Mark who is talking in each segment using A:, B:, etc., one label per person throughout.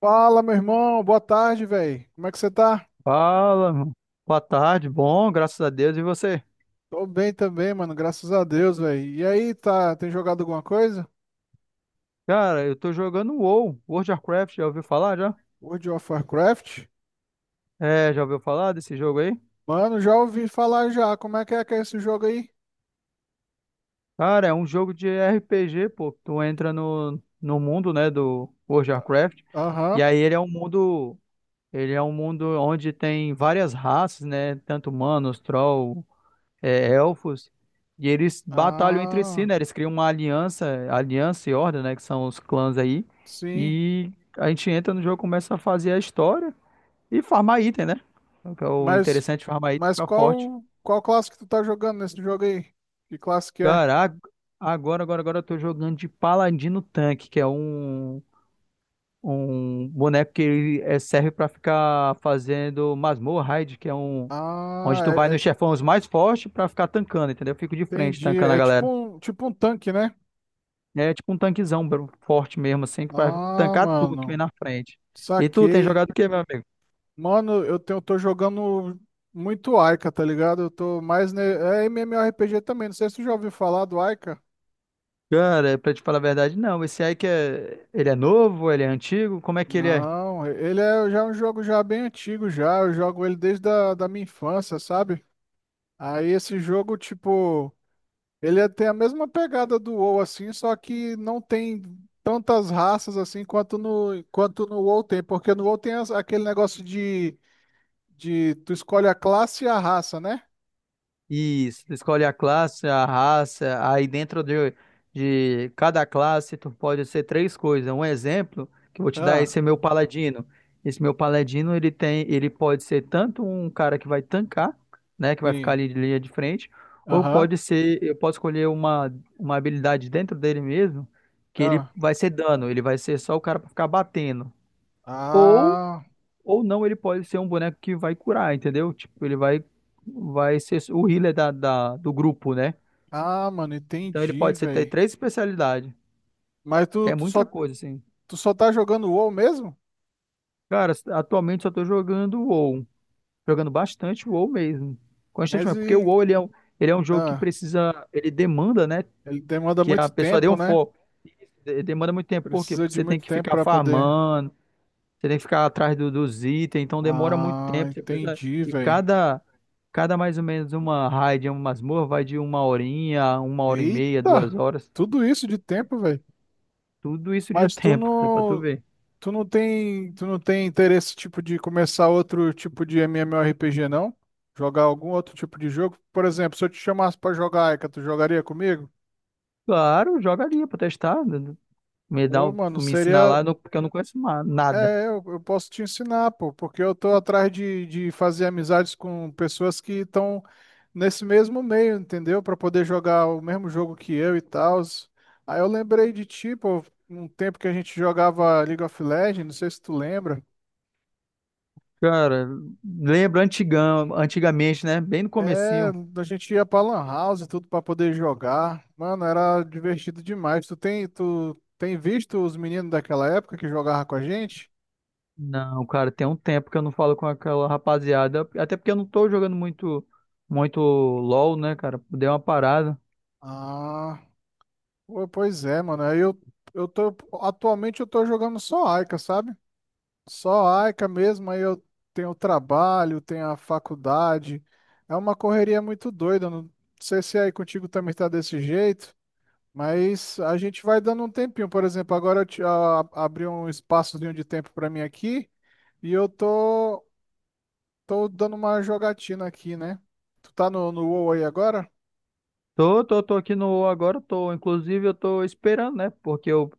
A: Fala, meu irmão, boa tarde, velho. Como é que você tá?
B: Fala, mano. Boa tarde, bom, graças a Deus. E você?
A: Tô bem também, mano, graças a Deus, velho. E aí, tá, tem jogado alguma coisa?
B: Cara, eu tô jogando WoW, World of Warcraft, já ouviu falar já?
A: World of Warcraft?
B: É, já ouviu falar desse jogo aí?
A: Mano, já ouvi falar já. Como é que é esse jogo aí?
B: Cara, é um jogo de RPG, pô. Tu entra no mundo, né, do World of Warcraft,
A: Aham.
B: e aí ele é um mundo, onde tem várias raças, né, tanto humanos, troll, elfos, e eles batalham entre si,
A: Ah,
B: né? Eles criam uma aliança, e horda, né? Que são os clãs aí.
A: sim.
B: E a gente entra no jogo, começa a fazer a história e farmar item, né? O que é o
A: Mas
B: interessante, farmar item e
A: mas
B: ficar forte.
A: qual qual classe que tu tá jogando nesse jogo aí? Que classe que é?
B: Cara, agora eu tô jogando de Paladino Tanque, que é um boneco que ele, serve pra ficar fazendo masmorra raid, que é um. Onde
A: Ah,
B: tu vai
A: é- é-
B: nos chefões mais fortes pra ficar tancando, entendeu? Eu fico de frente
A: Entendi.
B: tancando a
A: É
B: galera.
A: tipo um tanque, né?
B: É tipo um tanquezão bro, forte mesmo, assim, que vai
A: Ah,
B: tancar tudo que vem
A: mano.
B: na frente. E tu, tem
A: Saquei.
B: jogado o quê, meu amigo?
A: Mano, tô jogando muito Aika, tá ligado? Eu tô mais. É MMORPG também. Não sei se tu já ouviu falar do Aika.
B: Cara, pra te falar a verdade, não. Esse aí que é. Ele é novo, ele é antigo, como é que ele é?
A: Não, ele é já é um jogo já bem antigo já. Eu jogo ele desde da minha infância, sabe? Aí esse jogo, tipo, tem a mesma pegada do WoW, assim, só que não tem tantas raças assim quanto no WoW tem. Porque no WoW tem aquele negócio de tu escolhe a classe e a raça, né?
B: Isso, tu escolhe a classe, a raça, aí dentro de cada classe tu pode ser três coisas. Um exemplo que eu vou te dar,
A: Ah,
B: esse é meu paladino. Esse meu paladino, ele tem, ele pode ser tanto um cara que vai tancar, né, que vai ficar
A: sim.
B: ali de linha de frente, ou
A: Aham.
B: pode ser, eu posso escolher uma habilidade dentro dele mesmo, que ele
A: Ah.
B: vai ser dano, ele vai ser só o cara pra ficar batendo. ou
A: Ah,
B: ou não, ele pode ser um boneco que vai curar, entendeu? Tipo, ele vai ser o healer do grupo, né?
A: ah, mano,
B: Então ele
A: entendi,
B: pode ser ter
A: velho.
B: três especialidades,
A: Mas
B: que é muita coisa, assim.
A: tu só tá jogando WoW mesmo?
B: Cara, atualmente só tô jogando o WoW. Jogando bastante o WoW mesmo.
A: Mas
B: Constantemente. Porque o
A: e,
B: WoW, ele é um jogo que
A: ah,
B: precisa. Ele demanda, né?
A: ele demanda
B: Que a
A: muito
B: pessoa dê
A: tempo,
B: um
A: né?
B: foco. Demanda muito tempo, porque
A: Precisa de
B: você tem
A: muito
B: que
A: tempo
B: ficar
A: pra poder.
B: farmando. Você tem que ficar atrás dos itens, então demora muito
A: Ah,
B: tempo. Você precisa.
A: entendi,
B: E
A: velho.
B: cada mais ou menos uma raid, uma masmorra, vai de uma horinha, uma hora e meia, duas
A: Eita,
B: horas.
A: tudo isso de tempo, velho.
B: Tudo isso de
A: Mas
B: tempo, cara, pra tu ver.
A: tu não tem interesse tipo de começar outro tipo de MMORPG, não? Jogar algum outro tipo de jogo? Por exemplo, se eu te chamasse pra jogar Aika, tu jogaria comigo?
B: Claro, joga ali pra testar, né.
A: Ô, mano,
B: Me ensinar
A: seria
B: lá, porque eu não conheço nada.
A: Eu posso te ensinar, pô, porque eu tô atrás de fazer amizades com pessoas que estão nesse mesmo meio, entendeu? Para poder jogar o mesmo jogo que eu e tal. Aí eu lembrei de ti, pô, um tempo que a gente jogava League of Legends, não sei se tu lembra.
B: Cara, lembra antigamente, né? Bem no
A: É,
B: comecinho.
A: a gente ia pra Lan House e tudo para poder jogar. Mano, era divertido demais. Tu tem visto os meninos daquela época que jogavam com a gente?
B: Não, cara, tem um tempo que eu não falo com aquela rapaziada. Até porque eu não tô jogando muito, muito LOL, né, cara? Dei uma parada.
A: Ah. Pô, pois é, mano. Aí eu tô. Atualmente eu tô jogando só Aika, sabe? Só Aika mesmo. Aí eu tenho o trabalho, tenho a faculdade. É uma correria muito doida. Não sei se é aí contigo também tá desse jeito, mas a gente vai dando um tempinho. Por exemplo, agora abri um espaçozinho de tempo pra mim aqui e tô dando uma jogatina aqui, né? Tu tá no WoW aí agora?
B: Tô aqui no UOL agora, tô, inclusive eu tô esperando, né? Porque eu,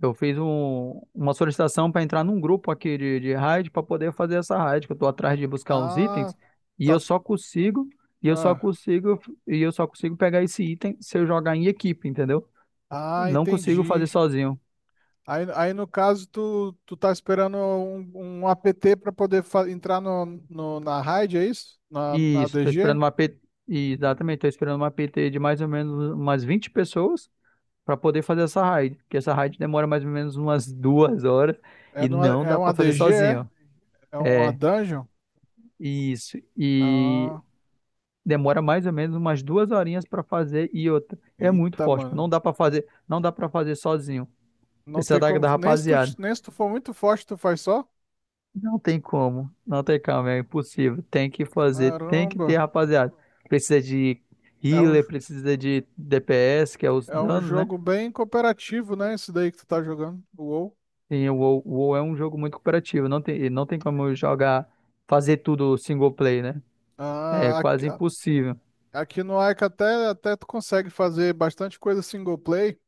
B: eu fiz uma solicitação para entrar num grupo aqui de raid para poder fazer essa raid, que eu tô atrás de buscar uns
A: Ah,
B: itens e eu
A: tá.
B: só consigo, e eu só
A: Ah,
B: consigo, e eu só consigo pegar esse item se eu jogar em equipe, entendeu? Não consigo fazer
A: entendi.
B: sozinho.
A: Aí no caso, tu tá esperando um APT para poder entrar na raid, é isso? Na
B: Isso, tô esperando
A: DG?
B: uma PT, exatamente, tô esperando uma PT de mais ou menos umas 20 pessoas para poder fazer essa raid, porque essa raid demora mais ou menos umas 2 horas
A: É,
B: e
A: numa,
B: não
A: é
B: dá
A: uma
B: para fazer
A: DG, é?
B: sozinho.
A: É uma dungeon?
B: Isso. E
A: Ah,
B: demora mais ou menos umas 2 horinhas para fazer e outra. É muito
A: eita,
B: forte, pô.
A: mano.
B: Não dá para fazer sozinho.
A: Não
B: Precisa
A: tem
B: da,
A: como.
B: da
A: Nem se tu,
B: rapaziada.
A: nem se tu for muito forte, tu faz só?
B: Não tem como. Não tem como, é impossível. Tem que
A: Caramba.
B: ter rapaziada. Precisa de
A: É um,
B: healer,
A: jo-
B: precisa de DPS, que é os
A: é um
B: danos, né?
A: jogo bem cooperativo, né? Esse daí que tu tá jogando, o WoW.
B: E o WoW, é um jogo muito cooperativo. Não tem como jogar, fazer tudo single play, né? É
A: Ah, aqui,
B: quase impossível.
A: aqui no Ica até tu consegue fazer bastante coisa single play.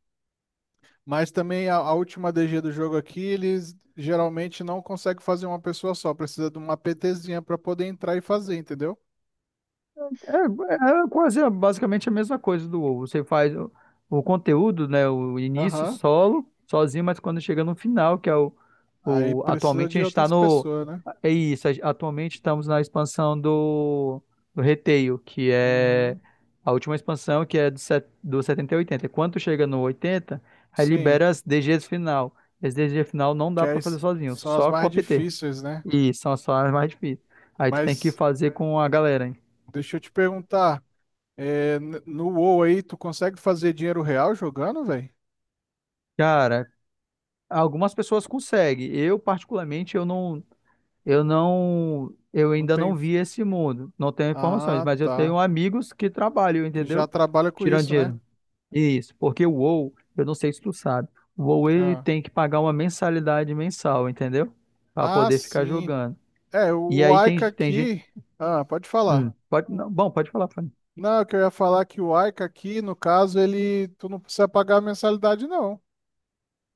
A: Mas também a última DG do jogo aqui, eles geralmente não conseguem fazer uma pessoa só, precisa de uma PTzinha para poder entrar e fazer, entendeu?
B: É quase basicamente a mesma coisa do WoW. Você faz o conteúdo, né? O início
A: Aham.
B: solo, sozinho, mas quando chega no final, que é
A: Aí
B: o
A: precisa
B: atualmente a
A: de
B: gente está
A: outras
B: no
A: pessoas, né?
B: atualmente estamos na expansão do Retail, que é
A: Uhum.
B: a última expansão, que é do, set, do 70 e 80. Quando chega no 80, aí
A: Sim,
B: libera as DGs final. As DGs final não
A: que
B: dá
A: aí
B: para fazer sozinho,
A: são as
B: só com
A: mais
B: a PT.
A: difíceis, né?
B: E são as fases mais difíceis. Aí tu tem que
A: Mas
B: fazer com a galera, hein?
A: deixa eu te perguntar, é, no WoW aí, tu consegue fazer dinheiro real jogando, velho?
B: Cara, algumas pessoas conseguem. Eu, particularmente, eu
A: Não
B: ainda
A: tem.
B: não vi esse mundo. Não tenho informações,
A: Ah,
B: mas eu
A: tá.
B: tenho amigos que trabalham,
A: Que já
B: entendeu?
A: trabalha com
B: Tirando
A: isso, né?
B: dinheiro. Isso, porque o WoW, eu não sei se tu sabe, o WoW ele
A: Ah,
B: tem que pagar uma mensalidade mensal, entendeu? Para
A: ah
B: poder ficar
A: sim.
B: jogando.
A: É,
B: E
A: o
B: aí
A: Aika
B: tem gente.
A: aqui. Ah, pode falar.
B: Pode falar, Fanny.
A: Não, eu queria falar é que o Aika aqui, no caso, ele, tu não precisa pagar a mensalidade, não.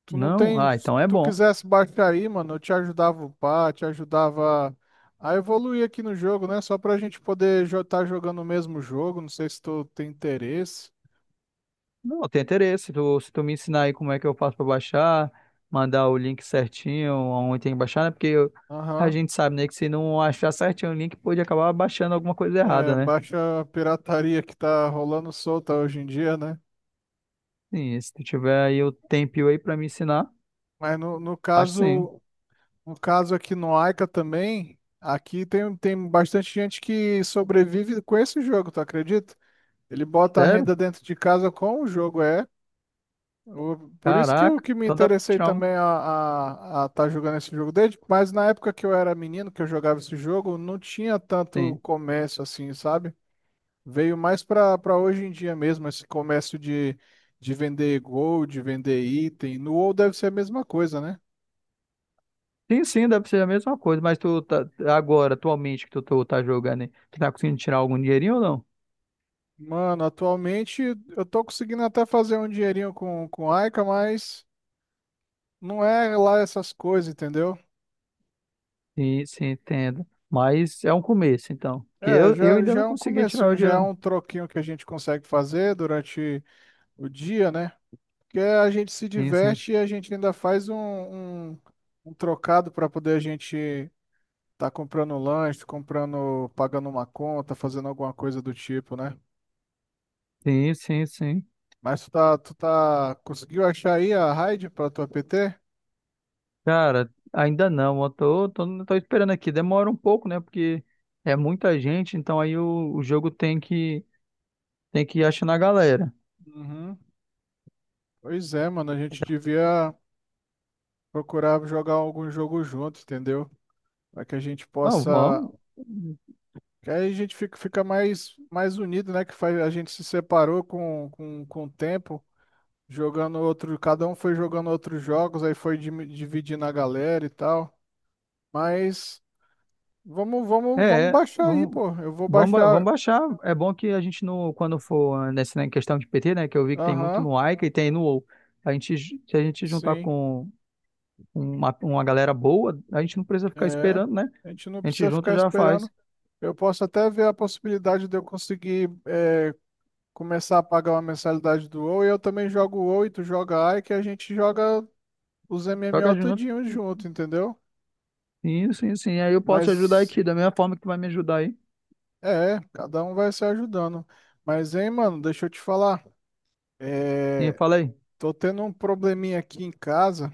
A: Tu não
B: Não?
A: tem,
B: Ah,
A: se
B: então é
A: tu
B: bom.
A: quisesse baixar aí, mano, eu te ajudava a upar, te ajudava a evoluir aqui no jogo, né? Só pra gente poder estar jogando o mesmo jogo, não sei se tu tem interesse.
B: Não, tem interesse. Tu, se tu me ensinar aí como é que eu faço pra baixar, mandar o link certinho, onde tem que baixar, né? A
A: Aham.
B: gente sabe, né, que se não achar certinho o link, pode acabar baixando alguma coisa
A: É,
B: errada, né?
A: baixa a pirataria que tá rolando solta hoje em dia, né?
B: Sim, se tu tiver aí o tempinho aí pra me ensinar,
A: Mas
B: acho sim.
A: no caso aqui no Aika também, aqui tem bastante gente que sobrevive com esse jogo, tu acredita? Ele bota a
B: Sério?
A: renda dentro de casa com o jogo, é. Por isso que eu
B: Caraca.
A: que me
B: Então dá pra
A: interessei
B: tirar um.
A: também a tá jogando esse jogo desde, mas na época que eu era menino, que eu jogava esse jogo, não tinha tanto
B: Sim.
A: comércio assim, sabe? Veio mais para hoje em dia mesmo, esse comércio de vender gold, de vender item. No WoW deve ser a mesma coisa, né?
B: Sim, sim, deve ser a mesma coisa, mas tu tá agora, atualmente que tu tá jogando, aí, tu tá conseguindo tirar algum dinheirinho ou não?
A: Mano, atualmente eu tô conseguindo até fazer um dinheirinho com Aika, mas não é lá essas coisas, entendeu?
B: Sim, sim, entendo. Mas é um começo, então. Porque
A: É,
B: eu ainda
A: já
B: não
A: é um
B: consegui tirar
A: comecinho,
B: o
A: já
B: dinheiro,
A: é
B: não.
A: um troquinho que a gente consegue fazer durante o dia, né? Porque a gente se
B: Sim, sim.
A: diverte e a gente ainda faz um trocado para poder a gente estar comprando lanche, comprando, pagando uma conta, fazendo alguma coisa do tipo, né?
B: Sim, sim, sim.
A: Mas conseguiu achar aí a raid para tua PT?
B: Cara, ainda não. Eu tô esperando aqui. Demora um pouco, né? Porque é muita gente, então aí o jogo tem que ir achando a galera.
A: Uhum. Pois é, mano, a gente devia procurar jogar algum jogo junto, entendeu? Para que a gente
B: Não,
A: possa.
B: vamos.
A: Que aí a gente fica mais unido, né? Que faz, a gente se separou com o tempo, jogando outro, cada um foi jogando outros jogos, aí foi dividindo a galera e tal. Mas vamos
B: É,
A: baixar aí, pô. Eu vou
B: vamos
A: baixar.
B: baixar. É bom que a gente, no, quando for nessa né, questão de PT, né? Que eu vi que tem muito
A: Aham,
B: no Aika e tem no WoW. A gente, se a gente juntar
A: sim.
B: com uma galera boa, a gente não precisa ficar
A: É.
B: esperando, né?
A: A gente não
B: A gente
A: precisa
B: junto
A: ficar
B: já
A: esperando.
B: faz.
A: Eu posso até ver a possibilidade de eu conseguir é, começar a pagar uma mensalidade do WoW e eu também jogo o WoW e tu joga A e que a gente joga os
B: Joga
A: MMO
B: junto.
A: tudinho junto, entendeu?
B: Sim, sim, sim. Aí eu posso te ajudar
A: Mas
B: aqui, da mesma forma que vai me ajudar aí.
A: é, cada um vai se ajudando. Mas, hein, mano, deixa eu te falar.
B: E
A: É,
B: fala aí.
A: tô tendo um probleminha aqui em casa.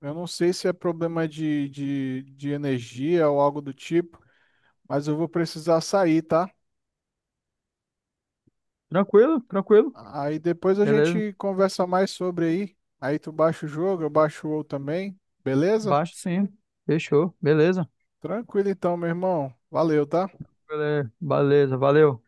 A: Eu não sei se é problema de energia ou algo do tipo, mas eu vou precisar sair, tá?
B: Tranquilo, tranquilo.
A: Aí depois a
B: Beleza.
A: gente conversa mais sobre aí. Aí tu baixa o jogo, eu baixo o outro também. Beleza?
B: Baixo sim. Fechou. Beleza.
A: Tranquilo então, meu irmão. Valeu, tá?
B: Beleza, beleza. Valeu.